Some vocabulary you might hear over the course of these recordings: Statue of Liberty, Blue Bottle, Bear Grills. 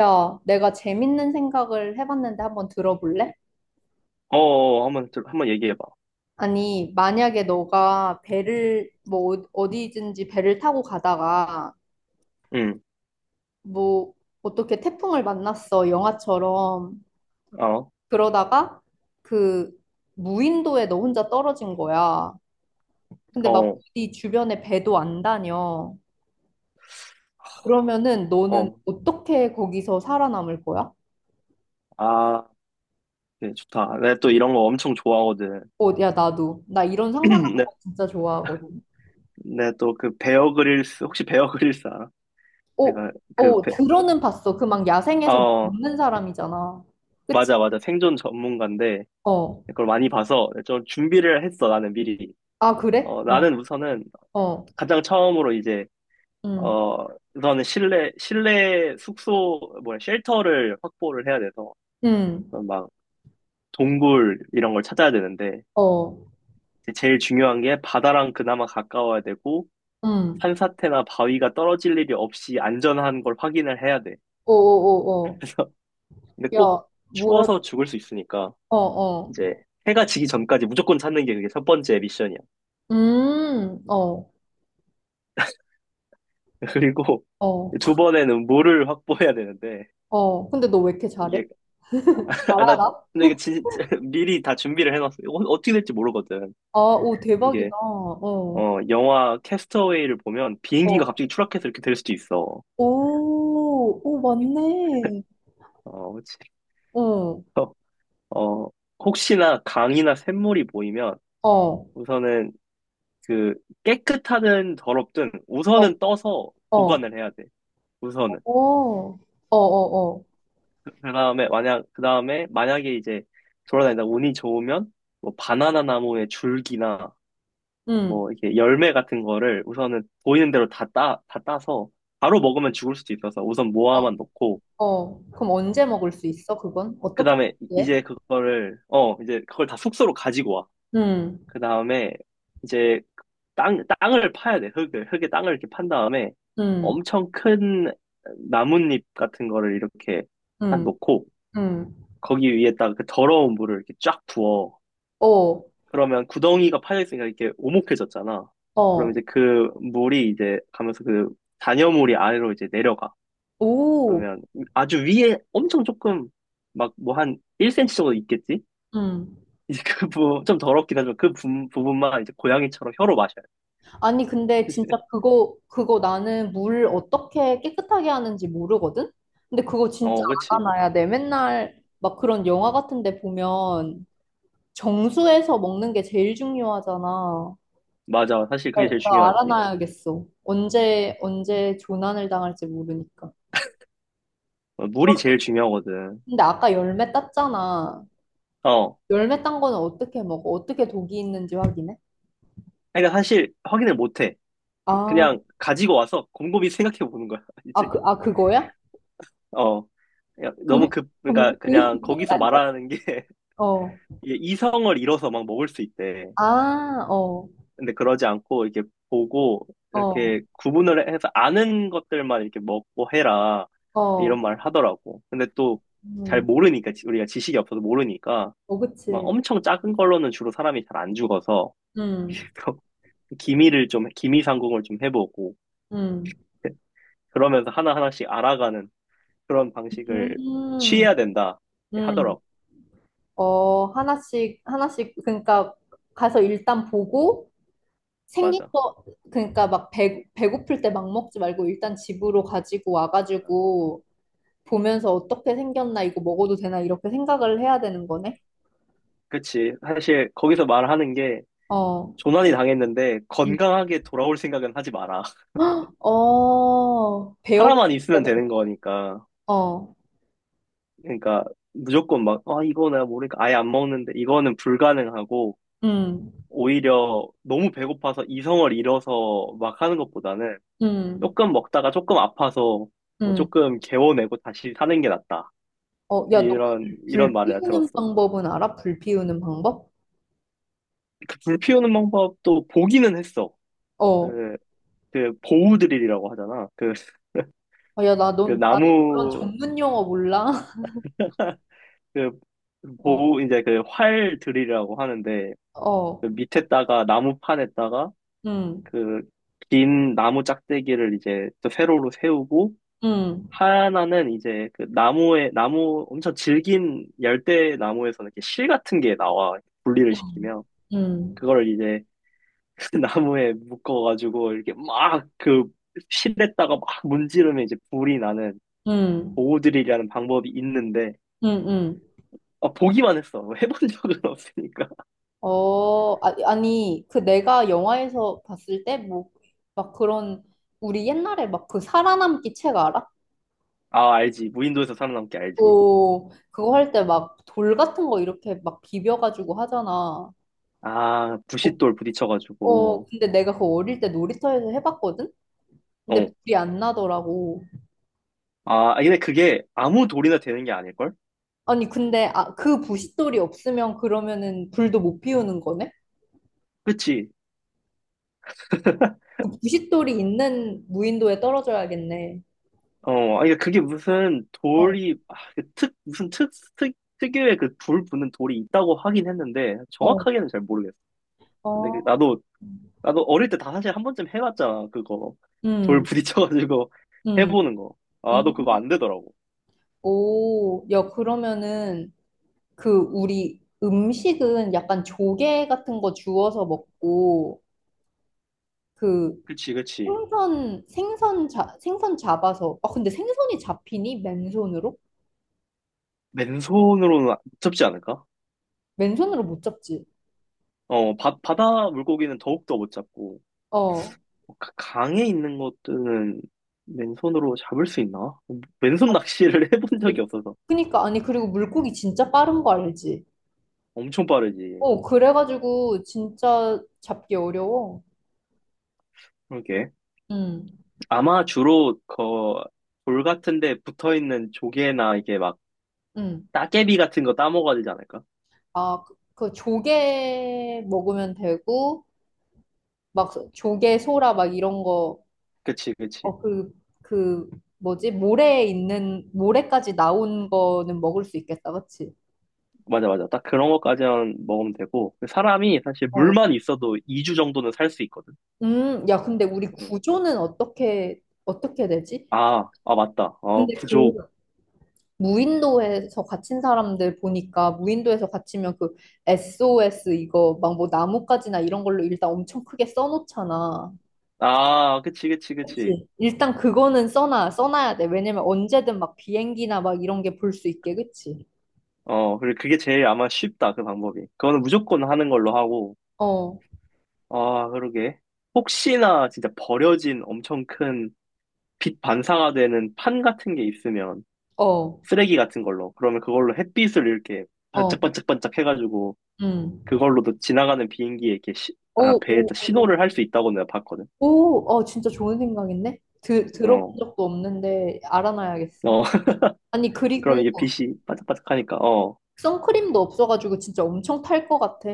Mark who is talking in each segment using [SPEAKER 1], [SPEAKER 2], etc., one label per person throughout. [SPEAKER 1] 야, 내가 재밌는 생각을 해봤는데 한번 들어볼래?
[SPEAKER 2] 어, 어, 한번, 한번 얘기해봐.
[SPEAKER 1] 아니, 만약에 너가 배를, 뭐, 어디든지 배를 타고 가다가,
[SPEAKER 2] 응,
[SPEAKER 1] 뭐, 어떻게 태풍을 만났어, 영화처럼.
[SPEAKER 2] 어,
[SPEAKER 1] 그러다가, 그, 무인도에 너 혼자 떨어진 거야. 근데 막,
[SPEAKER 2] 어,
[SPEAKER 1] 네 주변에 배도 안 다녀. 그러면은 너는
[SPEAKER 2] 어.
[SPEAKER 1] 어떻게 거기서 살아남을 거야?
[SPEAKER 2] 아, 네, 좋다. 내가 또 이런 거 엄청 좋아하거든.
[SPEAKER 1] 어, 야, 나도. 나 이런 상상하는
[SPEAKER 2] 내,
[SPEAKER 1] 거 진짜 좋아하거든.
[SPEAKER 2] 내가 또그 베어 그릴스, 혹시 베어 그릴스 알아?
[SPEAKER 1] 어,
[SPEAKER 2] 내가 그,
[SPEAKER 1] 어,
[SPEAKER 2] 베,
[SPEAKER 1] 들어는 봤어. 그 막 야생에서
[SPEAKER 2] 어,
[SPEAKER 1] 먹는 사람이잖아. 그치?
[SPEAKER 2] 맞아, 맞아. 생존 전문가인데,
[SPEAKER 1] 어.
[SPEAKER 2] 그걸 많이 봐서 네, 좀 준비를 했어, 나는 미리.
[SPEAKER 1] 아, 그래?
[SPEAKER 2] 어,
[SPEAKER 1] 어,
[SPEAKER 2] 나는 우선은
[SPEAKER 1] 어,
[SPEAKER 2] 가장 처음으로
[SPEAKER 1] 음,
[SPEAKER 2] 어, 우선은 실내 숙소, 뭐야, 쉘터를 확보를 해야 돼서,
[SPEAKER 1] 음,
[SPEAKER 2] 막, 동굴 이런 걸 찾아야 되는데,
[SPEAKER 1] 어,
[SPEAKER 2] 이제 제일 중요한 게 바다랑 그나마 가까워야 되고
[SPEAKER 1] 음,
[SPEAKER 2] 산사태나 바위가 떨어질 일이 없이 안전한 걸 확인을 해야 돼.
[SPEAKER 1] 어, 어,
[SPEAKER 2] 그래서
[SPEAKER 1] 어, 어.
[SPEAKER 2] 근데
[SPEAKER 1] 야,
[SPEAKER 2] 꼭
[SPEAKER 1] 뭐야?
[SPEAKER 2] 추워서 죽을 수 있으니까
[SPEAKER 1] 어, 어,
[SPEAKER 2] 이제 해가 지기 전까지 무조건 찾는 게 그게 첫 번째 미션이야.
[SPEAKER 1] 어,
[SPEAKER 2] 그리고
[SPEAKER 1] 어,
[SPEAKER 2] 두 번에는 물을 확보해야 되는데
[SPEAKER 1] 어. 근데 너 왜 이렇게 잘해?
[SPEAKER 2] 이게
[SPEAKER 1] 잘
[SPEAKER 2] 아, 나
[SPEAKER 1] 알아?
[SPEAKER 2] 근데 이거 진짜 미리 다 준비를 해놨어. 이거 어떻게 될지 모르거든.
[SPEAKER 1] 아, 오,
[SPEAKER 2] 이게
[SPEAKER 1] 대박이다. 어,
[SPEAKER 2] 영화 캐스터웨이를 보면 비행기가
[SPEAKER 1] 어,
[SPEAKER 2] 갑자기 추락해서 이렇게 될 수도 있어.
[SPEAKER 1] 오, 오, 맞네.
[SPEAKER 2] 어, 그치.
[SPEAKER 1] 응,
[SPEAKER 2] 어, 혹시나 강이나 샘물이 보이면
[SPEAKER 1] 어, 어,
[SPEAKER 2] 우선은 그 깨끗하든 더럽든
[SPEAKER 1] 어,
[SPEAKER 2] 우선은 떠서
[SPEAKER 1] 어,
[SPEAKER 2] 보관을 해야 돼. 우선은.
[SPEAKER 1] 어, 어, 어,
[SPEAKER 2] 그 다음에 만약에 이제 돌아다니다 운이 좋으면 뭐 바나나 나무의 줄기나
[SPEAKER 1] 응, 어,
[SPEAKER 2] 뭐 이렇게 열매 같은 거를 우선은 보이는 대로 다 따서 바로 먹으면 죽을 수도 있어서 우선 모아만 놓고
[SPEAKER 1] 어, 그럼 언제 먹을 수 있어, 그건?
[SPEAKER 2] 그
[SPEAKER 1] 어떻게
[SPEAKER 2] 다음에
[SPEAKER 1] 해?
[SPEAKER 2] 이제 그거를, 어, 이제 그걸 다 숙소로 가지고 와.
[SPEAKER 1] 응.
[SPEAKER 2] 그 다음에 이제 땅을 파야 돼. 흙을. 흙에 땅을 이렇게 판 다음에
[SPEAKER 1] 응.
[SPEAKER 2] 엄청 큰 나뭇잎 같은 거를 이렇게 딱
[SPEAKER 1] 응.
[SPEAKER 2] 놓고
[SPEAKER 1] 응.
[SPEAKER 2] 거기 위에다가 그 더러운 물을 이렇게 쫙 부어.
[SPEAKER 1] 어,
[SPEAKER 2] 그러면 구덩이가 파져 있으니까 이렇게 오목해졌잖아. 그럼
[SPEAKER 1] 어,
[SPEAKER 2] 이제 그 물이 이제 가면서 그 잔여물이 아래로 이제 내려가.
[SPEAKER 1] 오,
[SPEAKER 2] 그러면 아주 위에 엄청 조금 막 뭐 한 1 cm 정도 있겠지?
[SPEAKER 1] 응.
[SPEAKER 2] 이제 그 부분 좀 더럽긴 하지만 그 부분만 이제 고양이처럼 혀로 마셔요.
[SPEAKER 1] 아니, 근데 진짜 그거 나는 물 어떻게 깨끗하게 하는지 모르거든? 근데 그거 진짜
[SPEAKER 2] 어, 그치.
[SPEAKER 1] 알아놔야 돼. 맨날 막 그런 영화 같은 데 보면 정수해서 먹는 게 제일 중요하잖아.
[SPEAKER 2] 맞아. 사실
[SPEAKER 1] 나,
[SPEAKER 2] 그게 제일
[SPEAKER 1] 나
[SPEAKER 2] 중요하지.
[SPEAKER 1] 알아놔야겠어. 언제 조난을 당할지 모르니까.
[SPEAKER 2] 어, 물이
[SPEAKER 1] 그럼.
[SPEAKER 2] 제일 중요하거든.
[SPEAKER 1] 근데 아까 열매 땄잖아.
[SPEAKER 2] 어.
[SPEAKER 1] 열매 딴 거는 어떻게 먹어? 어떻게 독이 있는지 확인해?
[SPEAKER 2] 그러니까 사실 확인을 못 해.
[SPEAKER 1] 아,
[SPEAKER 2] 그냥 가지고 와서 곰곰이 생각해 보는 거야,
[SPEAKER 1] 아,
[SPEAKER 2] 이제.
[SPEAKER 1] 아, 그거야?
[SPEAKER 2] 어. 그냥 그러니까
[SPEAKER 1] 이
[SPEAKER 2] 그냥 거기서
[SPEAKER 1] 생각이야?
[SPEAKER 2] 말하는 게
[SPEAKER 1] 어.
[SPEAKER 2] 이게 이성을 잃어서 막 먹을 수 있대.
[SPEAKER 1] 아, 어,
[SPEAKER 2] 근데 그러지 않고 이렇게 보고
[SPEAKER 1] 어,
[SPEAKER 2] 이렇게 구분을 해서 아는 것들만 이렇게 먹고 해라.
[SPEAKER 1] 어.
[SPEAKER 2] 이런 말 하더라고. 근데 또 잘
[SPEAKER 1] 음,
[SPEAKER 2] 모르니까, 우리가 지식이 없어서 모르니까
[SPEAKER 1] 어,
[SPEAKER 2] 막
[SPEAKER 1] 그치.
[SPEAKER 2] 엄청 작은 걸로는 주로 사람이 잘 안 죽어서
[SPEAKER 1] 음,
[SPEAKER 2] 기미를 좀, 기미 상공을 좀 해보고,
[SPEAKER 1] 음,
[SPEAKER 2] 그러면서 하나하나씩 알아가는 그런 방식을
[SPEAKER 1] 음,
[SPEAKER 2] 취해야 된다
[SPEAKER 1] 음.
[SPEAKER 2] 하더라고.
[SPEAKER 1] 어, 하나씩, 하나씩, 그러니까 가서 일단 보고 생긴
[SPEAKER 2] 맞아.
[SPEAKER 1] 거, 그러니까 막 배고플 때 막 먹지 말고 일단 집으로 가지고 와가지고 보면서 어떻게 생겼나, 이거 먹어도 되나, 이렇게 생각을 해야 되는 거네?
[SPEAKER 2] 그치. 사실 거기서 말하는 게
[SPEAKER 1] 어,
[SPEAKER 2] 조난이 당했는데
[SPEAKER 1] 응.
[SPEAKER 2] 건강하게 돌아올 생각은 하지 마라.
[SPEAKER 1] 어, 배워보고
[SPEAKER 2] 살아만 있으면 되는
[SPEAKER 1] 싶다.
[SPEAKER 2] 거니까.
[SPEAKER 1] 어,
[SPEAKER 2] 그러니까 무조건 막, 아, 이거 내가 모르니까 아예 안 먹는데 이거는 불가능하고
[SPEAKER 1] 음,
[SPEAKER 2] 오히려 너무 배고파서 이성을 잃어서 막 하는 것보다는
[SPEAKER 1] 음,
[SPEAKER 2] 조금 먹다가 조금 아파서 뭐
[SPEAKER 1] 음.
[SPEAKER 2] 조금 개워내고 다시 사는 게 낫다.
[SPEAKER 1] 어, 야, 너
[SPEAKER 2] 이런,
[SPEAKER 1] 불,
[SPEAKER 2] 이런
[SPEAKER 1] 불
[SPEAKER 2] 말을 내가
[SPEAKER 1] 피우는
[SPEAKER 2] 들었어.
[SPEAKER 1] 방법은 알아? 불 피우는 방법?
[SPEAKER 2] 그 불 피우는 방법도 보기는 했어.
[SPEAKER 1] 어,
[SPEAKER 2] 그, 보우드릴이라고 하잖아.
[SPEAKER 1] 어, 야, 나,
[SPEAKER 2] 그
[SPEAKER 1] 넌, 나 그런
[SPEAKER 2] 나무,
[SPEAKER 1] 전문 용어 몰라.
[SPEAKER 2] 그,
[SPEAKER 1] 어,
[SPEAKER 2] 보우, 이제 그 활 드릴이라고 하는데,
[SPEAKER 1] 어,
[SPEAKER 2] 그 밑에다가 나무판에다가
[SPEAKER 1] 음,
[SPEAKER 2] 그 긴 나무 짝대기를 이제 또 세로로 세우고,
[SPEAKER 1] 음,
[SPEAKER 2] 하나는 이제 그 엄청 질긴 열대 나무에서는 이렇게 실 같은 게 나와. 분리를 시키면.
[SPEAKER 1] 음,
[SPEAKER 2] 그걸 이제 나무에 묶어가지고 이렇게 막 그 실에다가 막 문지르면 이제 불이 나는
[SPEAKER 1] 음,
[SPEAKER 2] 보호드릴이라는 방법이 있는데,
[SPEAKER 1] 음, 음.
[SPEAKER 2] 아, 보기만 했어. 해본 적은 없으니까.
[SPEAKER 1] 어, 아, 아니, 그 내가 영화에서 봤을 때, 뭐, 막 그런, 우리 옛날에 막 그 살아남기 책 알아?
[SPEAKER 2] 아, 알지. 무인도에서 살아남기 알지.
[SPEAKER 1] 오, 그거 할 때 막 돌 같은 거 이렇게 막 비벼가지고 하잖아.
[SPEAKER 2] 아,
[SPEAKER 1] 어,
[SPEAKER 2] 부싯돌
[SPEAKER 1] 어,
[SPEAKER 2] 부딪혀가지고.
[SPEAKER 1] 근데 내가 그거 어릴 때 놀이터에서 해봤거든? 근데
[SPEAKER 2] 어.
[SPEAKER 1] 불이 안 나더라고.
[SPEAKER 2] 아, 근데 그게 아무 돌이나 되는 게 아닐걸?
[SPEAKER 1] 아니, 근데 아, 그 부싯돌이 없으면 그러면은 불도 못 피우는 거네?
[SPEAKER 2] 그치?
[SPEAKER 1] 그 부싯돌이 있는 무인도에 떨어져야겠네.
[SPEAKER 2] 어, 아니, 그러니까 그게 무슨
[SPEAKER 1] 어,
[SPEAKER 2] 돌이, 아, 그 특, 무슨 특, 특, 특유의 그 불 부는 돌이 있다고 하긴 했는데,
[SPEAKER 1] 어,
[SPEAKER 2] 정확하게는 잘 모르겠어. 근데
[SPEAKER 1] 어.
[SPEAKER 2] 나도 어릴 때 다 사실 한 번쯤 해봤잖아, 그거. 돌
[SPEAKER 1] 음,
[SPEAKER 2] 부딪혀가지고
[SPEAKER 1] 음,
[SPEAKER 2] 해보는 거. 아,
[SPEAKER 1] 음.
[SPEAKER 2] 나도 그거 안 되더라고.
[SPEAKER 1] 오, 야, 그러면은 그 우리 음식은 약간 조개 같은 거 주워서 먹고 그
[SPEAKER 2] 그치, 그치.
[SPEAKER 1] 생선 잡아서, 아 근데 생선이 잡히니 맨손으로?
[SPEAKER 2] 맨손으로는 못 잡지 않을까?
[SPEAKER 1] 맨손으로 못 잡지.
[SPEAKER 2] 어, 바다 물고기는 더욱더 못 잡고,
[SPEAKER 1] 어.
[SPEAKER 2] 어, 강에 있는 것들은 맨손으로 잡을 수 있나? 어, 맨손 낚시를 해본
[SPEAKER 1] 이-
[SPEAKER 2] 적이 없어서
[SPEAKER 1] 그니까 아니 그리고 물고기 진짜 빠른 거 알지?
[SPEAKER 2] 엄청 빠르지.
[SPEAKER 1] 어, 그래가지고 진짜 잡기 어려워.
[SPEAKER 2] 그러게.
[SPEAKER 1] 응.
[SPEAKER 2] 아마 주로 그돌 같은 데 붙어 있는 조개나 이게 막
[SPEAKER 1] 응.
[SPEAKER 2] 따개비 같은 거 따먹어야 되지 않을까?
[SPEAKER 1] 아, 그, 그 조개 먹으면 되고 막 조개 소라 막 이런 거.
[SPEAKER 2] 그치, 그치.
[SPEAKER 1] 어, 그 뭐지? 모래에 있는 모래까지 나온 거는 먹을 수 있겠다. 그치?
[SPEAKER 2] 맞아, 맞아. 딱 그런 것까지만 먹으면 되고. 사람이 사실
[SPEAKER 1] 어.
[SPEAKER 2] 물만 있어도 2주 정도는 살 수 있거든.
[SPEAKER 1] 야, 근데 우리
[SPEAKER 2] 응.
[SPEAKER 1] 구조는 어떻게, 되지?
[SPEAKER 2] 아, 아, 맞다. 어,
[SPEAKER 1] 근데 그
[SPEAKER 2] 부족.
[SPEAKER 1] 무인도에서 갇힌 사람들 보니까 무인도에서 갇히면 그 SOS 이거 막 뭐 나뭇가지나 이런 걸로 일단 엄청 크게 써놓잖아.
[SPEAKER 2] 아, 그치, 그치, 그치.
[SPEAKER 1] 그치? 일단 그거는 써놔야 돼. 왜냐면 언제든 막 비행기나 막 이런 게 볼 수 있게, 그치?
[SPEAKER 2] 어, 그리고 그게 제일 아마 쉽다, 그 방법이. 그거는 무조건 하는 걸로 하고.
[SPEAKER 1] 어,
[SPEAKER 2] 아, 그러게. 혹시나 진짜 버려진 엄청 큰 빛 반사가 되는 판 같은 게 있으면
[SPEAKER 1] 어,
[SPEAKER 2] 쓰레기 같은 걸로. 그러면 그걸로 햇빛을 이렇게
[SPEAKER 1] 어,
[SPEAKER 2] 반짝반짝반짝 해가지고
[SPEAKER 1] 음.
[SPEAKER 2] 그걸로도 지나가는 비행기에 이렇게 아,
[SPEAKER 1] 오, 오,
[SPEAKER 2] 배에다
[SPEAKER 1] 오, 오,
[SPEAKER 2] 신호를 할 수 있다고 내가 봤거든.
[SPEAKER 1] 오, 어, 진짜 좋은 생각인데? 들어본
[SPEAKER 2] 어,
[SPEAKER 1] 적도 없는데 알아놔야겠어.
[SPEAKER 2] 어.
[SPEAKER 1] 아니,
[SPEAKER 2] 그럼
[SPEAKER 1] 그리고
[SPEAKER 2] 이게 빛이 반짝반짝하니까 어.
[SPEAKER 1] 선크림도 없어가지고 진짜 엄청 탈 것 같아.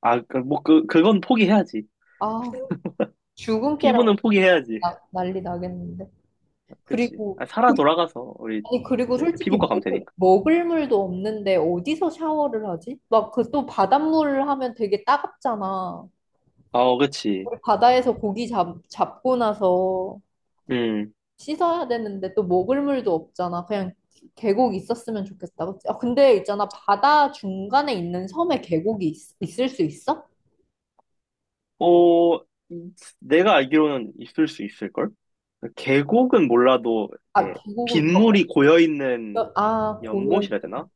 [SPEAKER 2] 아, 그건 포기해야지.
[SPEAKER 1] 아, 주근깨랑
[SPEAKER 2] 피부는 포기해야지.
[SPEAKER 1] 난리 나겠는데.
[SPEAKER 2] 그치.
[SPEAKER 1] 그리고,
[SPEAKER 2] 아, 살아 돌아가서 우리
[SPEAKER 1] 아니, 그리고
[SPEAKER 2] 이제
[SPEAKER 1] 솔직히
[SPEAKER 2] 피부과 가면
[SPEAKER 1] 먹을,
[SPEAKER 2] 되니까.
[SPEAKER 1] 먹을 물도 없는데 어디서 샤워를 하지? 막 그 또 바닷물 하면 되게 따갑잖아.
[SPEAKER 2] 어, 그치.
[SPEAKER 1] 우리 바다에서 고기 잡고 나서
[SPEAKER 2] 음.
[SPEAKER 1] 씻어야 되는데 또 먹을 물도 없잖아. 그냥 계곡 있었으면 좋겠다. 그치? 아, 근데 있잖아. 바다 중간에 있는 섬에 계곡이 을수 있어?
[SPEAKER 2] 어, 이- 내가 알기로는 있을 수 있을걸? 계곡은 몰라도
[SPEAKER 1] 아,
[SPEAKER 2] 이렇게
[SPEAKER 1] 계곡은,
[SPEAKER 2] 빗물이 고여있는
[SPEAKER 1] 아, 고여
[SPEAKER 2] 연못이라 해야 되나?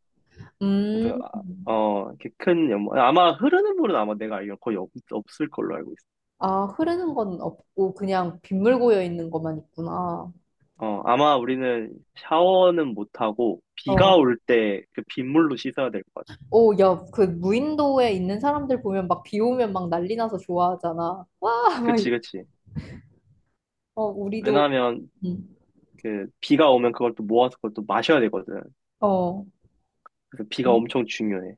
[SPEAKER 1] 음.
[SPEAKER 2] 그래서 아, 어 이렇게 큰 연못 아마 흐르는 물은 아마 내가 알기로 거의 없을 걸로 알고 있어.
[SPEAKER 1] 아, 흐르는 건 없고 그냥 빗물 고여 있는 것만 있구나.
[SPEAKER 2] 어 아마 우리는 샤워는 못 하고 비가
[SPEAKER 1] 어.
[SPEAKER 2] 올 때 그 빗물로 씻어야 될 것 같아.
[SPEAKER 1] 오, 야, 그 무인도에 있는 사람들 보면 막 비 오면 막 난리 나서 좋아하잖아. 와, 막 이래.
[SPEAKER 2] 그치 그치.
[SPEAKER 1] 어, 우리도.
[SPEAKER 2] 왜냐하면
[SPEAKER 1] 음.
[SPEAKER 2] 그 비가 오면 그걸 또 모아서 그걸 또 마셔야 되거든.
[SPEAKER 1] 어.
[SPEAKER 2] 그래서 비가
[SPEAKER 1] 음.
[SPEAKER 2] 엄청 중요해.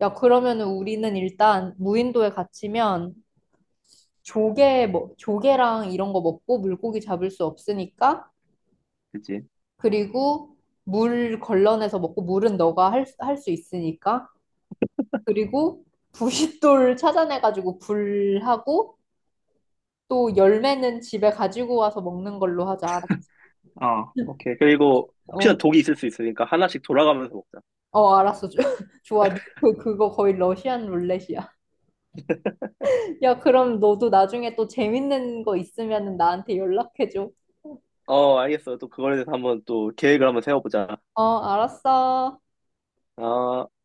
[SPEAKER 1] 야, 그러면은 우리는 일단 무인도에 갇히면 조개 뭐 조개랑 이런 거 먹고 물고기 잡을 수 없으니까,
[SPEAKER 2] 그치?
[SPEAKER 1] 그리고 물 걸러내서 먹고 물은 너가 할 수 있으니까, 그리고 부싯돌 찾아내가지고 불하고, 또 열매는 집에 가지고 와서 먹는 걸로 하자.
[SPEAKER 2] 어 오케이. 그리고 혹시나
[SPEAKER 1] 어,
[SPEAKER 2] 독이 있을 수 있으니까 하나씩 돌아가면서 먹자.
[SPEAKER 1] 어, 알았어. 좋아. 그거 거의 러시안 룰렛이야. 야, 그럼 너도 나중에 또 재밌는 거 있으면 나한테 연락해줘.
[SPEAKER 2] 어 알겠어. 또 그거에 대해서 한번 또 계획을 한번 세워보자.
[SPEAKER 1] 어, 알았어.
[SPEAKER 2] 어.